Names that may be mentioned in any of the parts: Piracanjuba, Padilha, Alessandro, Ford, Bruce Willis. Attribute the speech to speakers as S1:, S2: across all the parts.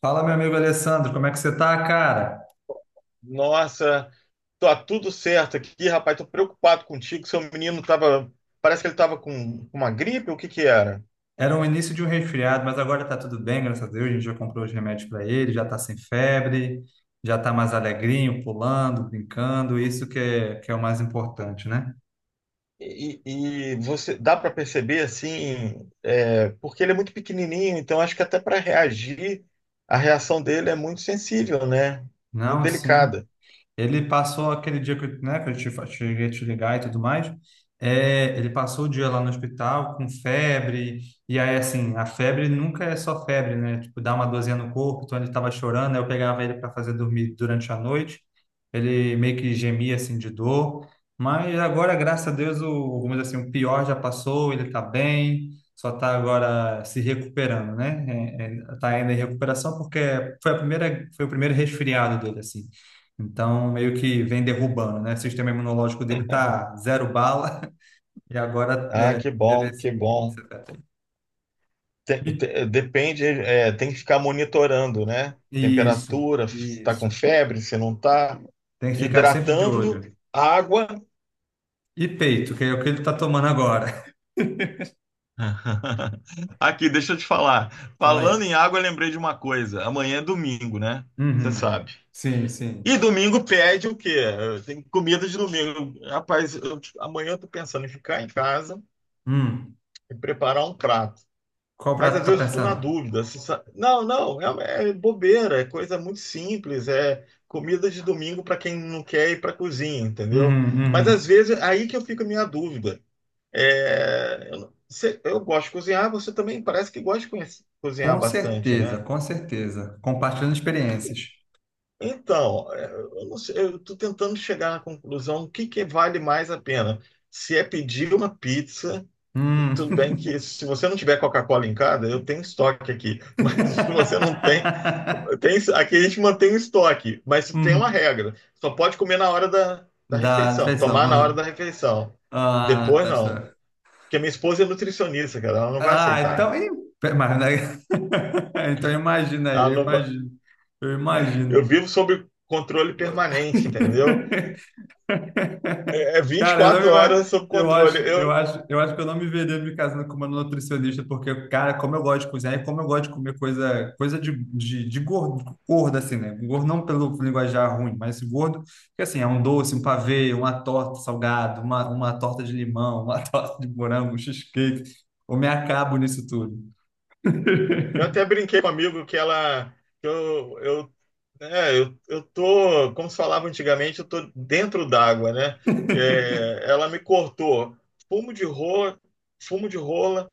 S1: Fala, meu amigo Alessandro, como é que você tá, cara?
S2: Nossa, tá tudo certo aqui, rapaz. Tô preocupado contigo. Seu menino tava. Parece que ele tava com uma gripe, o que que era?
S1: Era o início de um resfriado, mas agora tá tudo bem, graças a Deus. A gente já comprou os remédios para ele, já tá sem febre, já tá mais alegrinho, pulando, brincando. Isso que é o mais importante, né?
S2: E você dá para perceber assim, porque ele é muito pequenininho, então acho que até para reagir, a reação dele é muito sensível, né? Muito
S1: Não, sim.
S2: delicada.
S1: Ele passou aquele dia que, né, que eu te, cheguei a te ligar e tudo mais. É, ele passou o dia lá no hospital com febre, e aí, assim, a febre nunca é só febre, né? Tipo, dá uma dorzinha no corpo, então ele estava chorando, aí eu pegava ele para fazer dormir durante a noite. Ele meio que gemia, assim, de dor. Mas agora, graças a Deus, vamos dizer assim, o pior já passou, ele está bem, só está agora se recuperando, né? Está ainda em recuperação porque foi o primeiro resfriado dele, assim. Então, meio que vem derrubando, né? O sistema imunológico dele tá zero bala e agora
S2: Ah, que
S1: deve
S2: bom,
S1: esse,
S2: que bom.
S1: teto.
S2: Tem-
S1: E-
S2: te- depende, tem que ficar monitorando, né?
S1: Isso,
S2: Temperatura, se está com
S1: isso.
S2: febre, se não está,
S1: Tem que ficar sempre de
S2: hidratando,
S1: olho.
S2: água.
S1: E peito, que é o que ele tá tomando agora.
S2: Aqui, deixa eu te falar.
S1: Fala
S2: Falando
S1: aí.
S2: em água, eu lembrei de uma coisa. Amanhã é domingo, né? Você
S1: Uhum.
S2: sabe.
S1: Sim,
S2: E
S1: sim.
S2: domingo pede o quê? Tem comida de domingo. Rapaz, amanhã eu tô pensando em ficar em casa
S1: Hum.
S2: e preparar um prato.
S1: Qual
S2: Mas
S1: prato
S2: às
S1: tu tá
S2: vezes eu fico na
S1: pensando?
S2: dúvida. Se sa- Não, não, é bobeira, é coisa muito simples. É comida de domingo para quem não quer ir para cozinha, entendeu?
S1: Uhum,
S2: Mas às
S1: uhum.
S2: vezes aí que eu fico a minha dúvida. É, eu, eu gosto de cozinhar, você também parece que gosta de cozinhar
S1: Com
S2: bastante,
S1: certeza,
S2: né?
S1: com certeza. Compartilhando experiências.
S2: Então, eu não sei, eu estou tentando chegar na conclusão o que que vale mais a pena. Se é pedir uma pizza, tudo bem
S1: Hum.
S2: que se você não tiver Coca-Cola em casa, eu tenho estoque aqui. Mas se você não tem, tem, aqui a gente mantém o estoque, mas tem uma
S1: Uhum.
S2: regra. Só pode comer na hora da
S1: Da
S2: refeição,
S1: refeição.
S2: tomar na hora
S1: Ah,
S2: da refeição.
S1: ah,
S2: Depois
S1: tá.
S2: não.
S1: Está.
S2: Porque minha esposa é nutricionista, cara, ela não vai
S1: Ah,
S2: aceitar.
S1: então, ih, mas, né? Então imagina aí,
S2: Ela
S1: eu
S2: não vai.
S1: imagino, eu
S2: Eu
S1: imagino.
S2: vivo sob controle permanente, entendeu? É
S1: Cara, eu não me
S2: 24 horas
S1: ima-
S2: sob
S1: eu
S2: controle.
S1: acho, eu
S2: Eu,
S1: acho, eu acho que eu não me veria me casando com uma nutricionista, porque, cara, como eu gosto de cozinhar e como eu gosto de comer coisa de gordo, gordo, assim, né? Gordo não pelo linguajar ruim, mas gordo, que assim, é um doce, um pavê, uma torta salgada, uma torta de limão, uma torta de morango, um cheesecake. Eu me acabo nisso tudo.
S2: eu até brinquei com um amigo que ela. Que eu, é, eu tô, como se falava antigamente, eu tô dentro d'água, né? Ela me cortou fumo de rola, fumo de rola,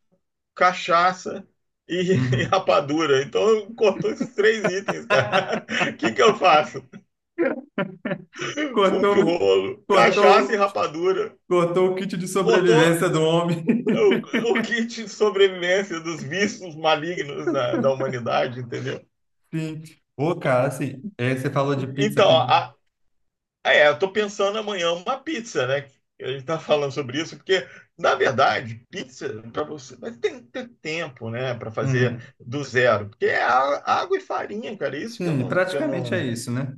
S2: cachaça e, e
S1: Uhum.
S2: rapadura. Então cortou esses três itens, cara. O que que eu faço? Fumo
S1: Cortou,
S2: de rolo, cachaça e
S1: cortou,
S2: rapadura.
S1: cortou o kit de
S2: Cortou
S1: sobrevivência do homem.
S2: o, o kit de sobrevivência dos vícios malignos da humanidade, entendeu?
S1: Sim. Ô, cara, assim, é, você falou de pizza.
S2: Então, eu tô pensando amanhã uma pizza, né? A gente tá falando sobre isso, porque, na verdade, pizza, para você, mas tem que ter tempo, né, para fazer
S1: Uhum.
S2: do zero. Porque é água e farinha, cara, isso que eu
S1: Sim,
S2: não, que eu
S1: praticamente é
S2: não. É,
S1: isso, né?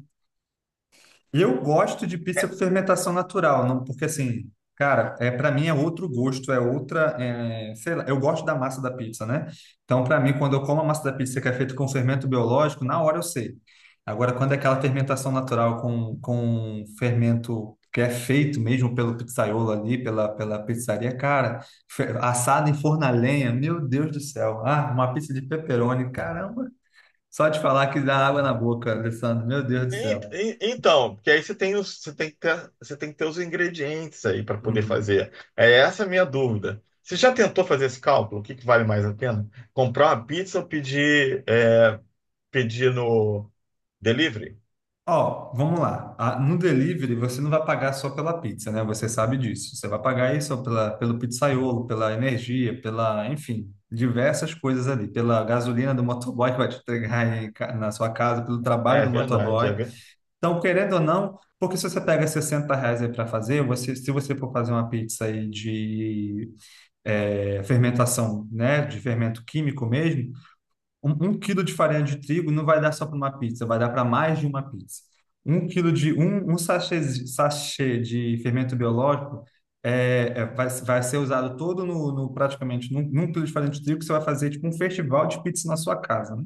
S1: Eu gosto de pizza com fermentação natural, não, porque assim, cara, para mim é outro gosto, é outra, sei lá, eu gosto da massa da pizza, né? Então, para mim, quando eu como a massa da pizza que é feita com fermento biológico, na hora eu sei. Agora, quando é aquela fermentação natural com fermento que é feito mesmo pelo pizzaiolo ali, pela pizzaria, cara, assada em forno a lenha, meu Deus do céu. Ah, uma pizza de pepperoni, caramba. Só de falar que dá água na boca, Alessandro, meu Deus do
S2: En-
S1: céu.
S2: en- Então, porque aí você tem os, você tem que ter os ingredientes aí para poder fazer. É essa a minha dúvida. Você já tentou fazer esse cálculo? O que que vale mais a pena? Comprar uma pizza ou pedir no delivery?
S1: Ó, vamos lá. Ah, no delivery, você não vai pagar só pela pizza, né? Você sabe disso. Você vai pagar aí só pelo pizzaiolo, pela energia, enfim, diversas coisas ali. Pela gasolina do motoboy que vai te entregar aí na sua casa, pelo trabalho
S2: É
S1: do
S2: verdade, é
S1: motoboy.
S2: verdade.
S1: Então, querendo ou não, porque se você pega 60 reais aí para fazer, se você for fazer uma pizza aí de fermentação, né? De fermento químico mesmo, um quilo de farinha de trigo não vai dar só para uma pizza, vai dar para mais de uma pizza. Um quilo de um sachê de fermento biológico vai ser usado todo praticamente num quilo de farinha de trigo que você vai fazer tipo um festival de pizza na sua casa, né?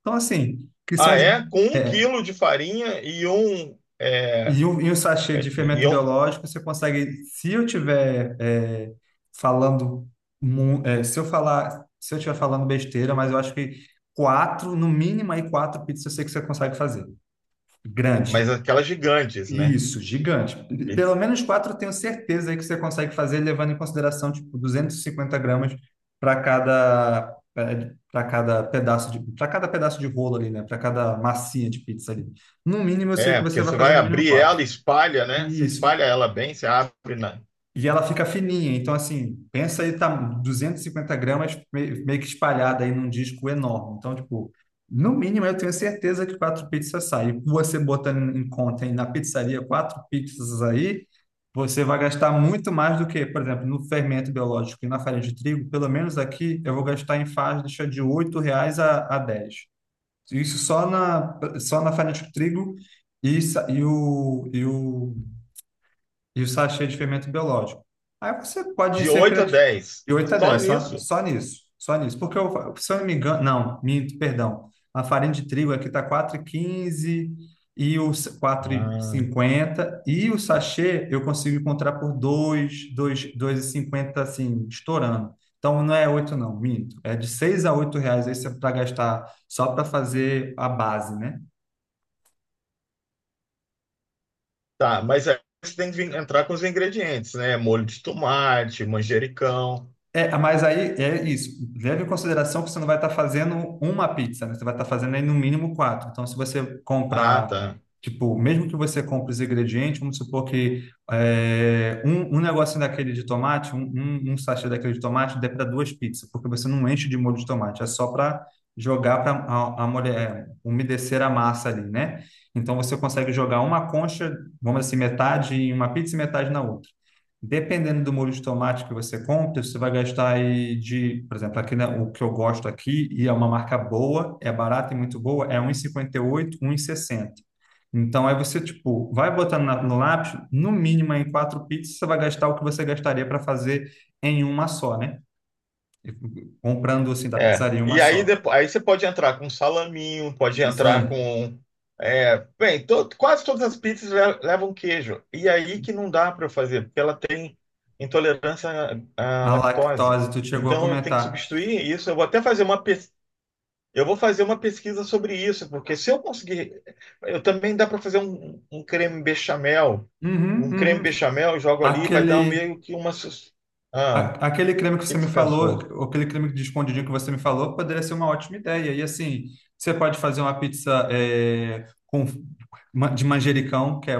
S1: Então assim, que são
S2: Ah, é? Com um
S1: é,
S2: quilo de farinha e um, é,
S1: e o sachê de
S2: é, e
S1: fermento
S2: um,
S1: biológico, você consegue, se eu tiver falando, se eu tiver falando besteira, mas eu acho que quatro, no mínimo aí quatro pizzas eu sei que você consegue fazer.
S2: mas
S1: Grande.
S2: aquelas gigantes, né?
S1: Isso, gigante.
S2: E-
S1: Pelo menos quatro eu tenho certeza aí que você consegue fazer, levando em consideração, tipo, 250 gramas para cada, para cada pedaço de rolo ali, né? Para cada massinha de pizza ali. No mínimo, eu sei que
S2: É,
S1: você
S2: porque
S1: vai
S2: você
S1: fazer
S2: vai
S1: no mínimo
S2: abrir
S1: quatro.
S2: ela, espalha, né? Você
S1: Isso.
S2: espalha ela bem, você abre na,
S1: E ela fica fininha, então assim, pensa aí, tá 250 gramas meio que espalhada aí num disco enorme. Então, tipo, no mínimo eu tenho certeza que quatro pizzas saem. E você botando em conta aí na pizzaria quatro pizzas aí, você vai gastar muito mais do que, por exemplo, no fermento biológico e na farinha de trigo, pelo menos aqui eu vou gastar em faixa de 8 reais a 10. Isso só na farinha de trigo e, sa- e o, e o e o sachê de fermento biológico. Aí você pode
S2: de
S1: ser
S2: 8 a
S1: criativo
S2: 10.
S1: de 8 a
S2: Só
S1: 10
S2: nisso.
S1: só nisso, só nisso. Porque, se eu não me engano, não, minto, perdão, a farinha de trigo aqui está 4,15 e o quatro e
S2: Ah,
S1: cinquenta e o sachê eu consigo encontrar por dois e cinquenta assim, estourando. Então não é 8 não, minto, é de 6 a 8 reais aí para gastar só para fazer a base, né?
S2: tá, mas aí você tem que entrar com os ingredientes, né? Molho de tomate, manjericão.
S1: É, mas aí é isso. Leve em consideração que você não vai estar fazendo uma pizza, né? Você vai estar fazendo aí no mínimo quatro. Então, se você
S2: Ah,
S1: comprar,
S2: tá.
S1: tipo, mesmo que você compre os ingredientes, vamos supor que um negocinho daquele de tomate, um sachê daquele de tomate, dê para duas pizzas, porque você não enche de molho de tomate, é só para jogar para a mulher umedecer a massa ali, né? Então, você consegue jogar uma concha, vamos dizer assim, metade em uma pizza e metade na outra. Dependendo do molho de tomate que você compra, você vai gastar aí de, por exemplo, aqui, né, o que eu gosto aqui, e é uma marca boa, é barata e muito boa, é um 1,58, sessenta. Então, aí você, tipo, vai botando no lápis, no mínimo em quatro pizzas, você vai gastar o que você gastaria para fazer em uma só, né? Comprando, assim, da
S2: É.
S1: pizzaria uma
S2: E aí
S1: só.
S2: depois, aí você pode entrar com salaminho, pode
S1: Isso
S2: entrar
S1: aí.
S2: com quase todas as pizzas levam queijo. E aí que não dá para eu fazer, porque ela tem intolerância à
S1: A
S2: lactose.
S1: lactose, tu chegou a
S2: Então eu tenho que
S1: comentar.
S2: substituir isso. Eu vou fazer uma pesquisa sobre isso, porque se eu conseguir, eu também dá para fazer um creme bechamel,
S1: Uhum, uhum.
S2: jogo ali, vai dar um
S1: Aquele.
S2: meio que uma. Ah, o
S1: Aquele creme que
S2: que
S1: você
S2: que
S1: me
S2: você
S1: falou,
S2: pensou?
S1: aquele creme de escondidinho que você me falou, poderia ser uma ótima ideia. E assim, você pode fazer uma pizza com de manjericão, que é,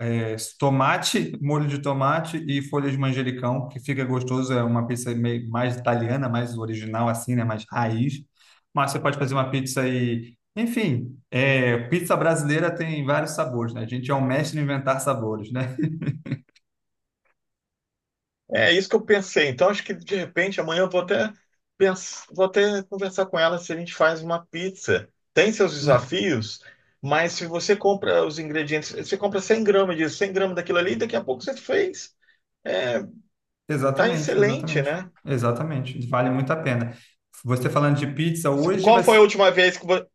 S1: é, tomate, molho de tomate e folhas de manjericão, que fica gostoso. É uma pizza meio, mais italiana, mais original, assim, né? Mais raiz. Mas você pode fazer uma pizza e, enfim, pizza brasileira tem vários sabores, né? A gente é um mestre em inventar sabores, né?
S2: É isso que eu pensei. Então, acho que de repente amanhã eu vou até conversar com ela se a gente faz uma pizza. Tem seus desafios, mas se você compra os ingredientes, você compra 100 gramas disso, 100 gramas daquilo ali, daqui a pouco você fez. É, tá
S1: Exatamente,
S2: excelente,
S1: exatamente.
S2: né?
S1: Exatamente. Vale muito a pena. Você falando de pizza, hoje
S2: Qual
S1: vai.
S2: foi a última vez que vo-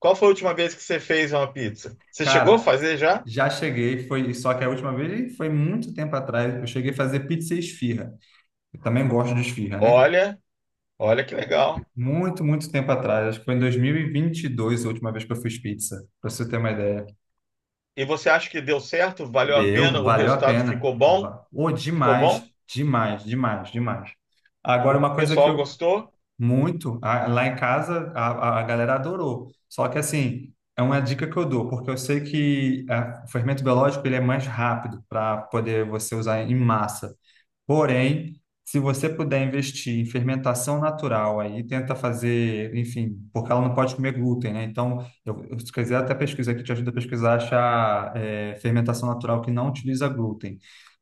S2: qual foi a última vez que você fez uma pizza? Você chegou a
S1: Cara,
S2: fazer já?
S1: já cheguei, foi só que a última vez foi muito tempo atrás. Eu cheguei a fazer pizza e esfirra. Eu também gosto de esfirra, né?
S2: Olha, olha que legal.
S1: Muito, muito tempo atrás. Acho que foi em dois mil e vinte e dois a última vez que eu fiz pizza, para você ter uma ideia.
S2: E você acha que deu certo? Valeu a pena?
S1: Deu,
S2: O
S1: valeu a
S2: resultado
S1: pena.
S2: ficou bom?
S1: Ô,
S2: Ficou
S1: demais,
S2: bom?
S1: demais, demais, demais. Agora,
S2: O
S1: uma coisa que
S2: pessoal
S1: eu.
S2: gostou?
S1: Muito. Lá em casa, a galera adorou. Só que, assim, é uma dica que eu dou, porque eu sei que o fermento biológico ele é mais rápido para poder você usar em massa. Porém, se você puder investir em fermentação natural, aí tenta fazer, enfim, porque ela não pode comer glúten, né? Então, se quiser até pesquisa aqui, te ajuda a pesquisar, achar fermentação natural que não utiliza glúten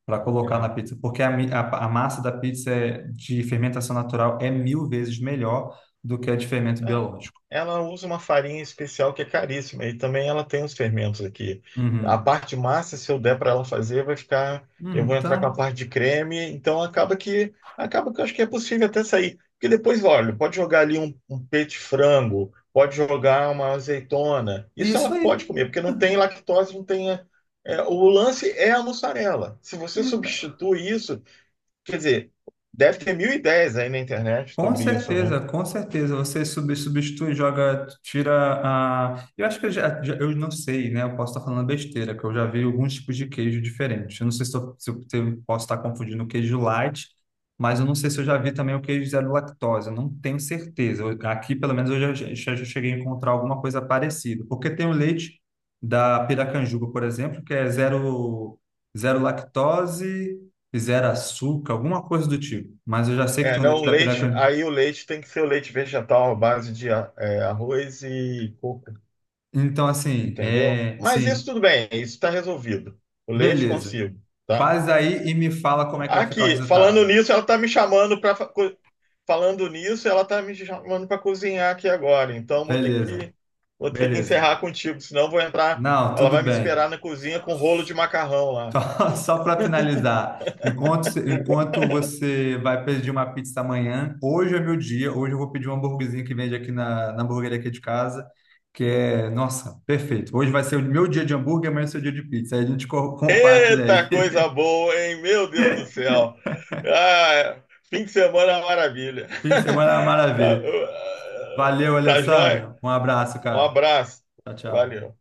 S1: para colocar na pizza, porque a massa da pizza de fermentação natural é mil vezes melhor do que a de fermento
S2: É,
S1: biológico.
S2: Ela usa uma farinha especial que é caríssima e também ela tem os fermentos aqui. A
S1: Uhum.
S2: parte massa, se eu der para ela fazer, vai ficar. Eu vou entrar com a
S1: Então,
S2: parte de creme, então acaba que eu acho que é possível até sair. Porque depois, olha, pode jogar ali um peito de frango, pode jogar uma azeitona. Isso
S1: isso
S2: ela pode
S1: aí.
S2: comer, porque não tem lactose, não tem. O lance é a mussarela. Se você
S1: É, tá.
S2: substitui isso, quer dizer, deve ter mil ideias aí na internet
S1: Com
S2: sobre isso, né?
S1: certeza, com certeza. Você substitui, joga, tira a. Eu acho que eu eu não sei, né? Eu posso estar falando besteira, que eu já vi alguns tipos de queijo diferentes. Eu não sei se eu posso estar confundindo o queijo light, mas eu não sei se eu já vi também o queijo zero lactose. Eu não tenho certeza. Aqui, pelo menos, eu já cheguei a encontrar alguma coisa parecida. Porque tem o leite da Piracanjuba, por exemplo, que é zero lactose. Zero açúcar, alguma coisa do tipo. Mas eu já sei que
S2: É,
S1: tem o
S2: não,
S1: leite
S2: o
S1: da
S2: leite,
S1: Piracanjuba.
S2: aí o leite tem que ser o leite vegetal à base de arroz e coco,
S1: Então, assim,
S2: entendeu? Mas isso
S1: sim,
S2: tudo bem, isso está resolvido. O leite
S1: beleza.
S2: consigo, tá?
S1: Faz aí e me fala como é que vai ficar o
S2: Aqui,
S1: resultado.
S2: falando nisso, ela tá me chamando para cozinhar aqui agora. Então vou ter
S1: Beleza,
S2: que vou ter que
S1: beleza.
S2: encerrar contigo, senão eu vou entrar,
S1: Não,
S2: ela
S1: tudo
S2: vai me
S1: bem.
S2: esperar na cozinha com rolo de macarrão lá.
S1: Só, só para finalizar, enquanto você vai pedir uma pizza amanhã, hoje é meu dia, hoje eu vou pedir um hambúrguerzinho que vende aqui na hamburgueria aqui de casa, que nossa, perfeito. Hoje vai ser o meu dia de hambúrguer, amanhã é o seu dia de pizza. Aí a gente compartilha aí.
S2: Eita coisa boa, hein? Meu Deus do céu. Ah, fim de semana é uma maravilha.
S1: Fim de semana é uma
S2: Tá,
S1: maravilha. Valeu,
S2: tá joia?
S1: Alessandro. Um abraço,
S2: Um
S1: cara.
S2: abraço.
S1: Tchau, tchau.
S2: Valeu.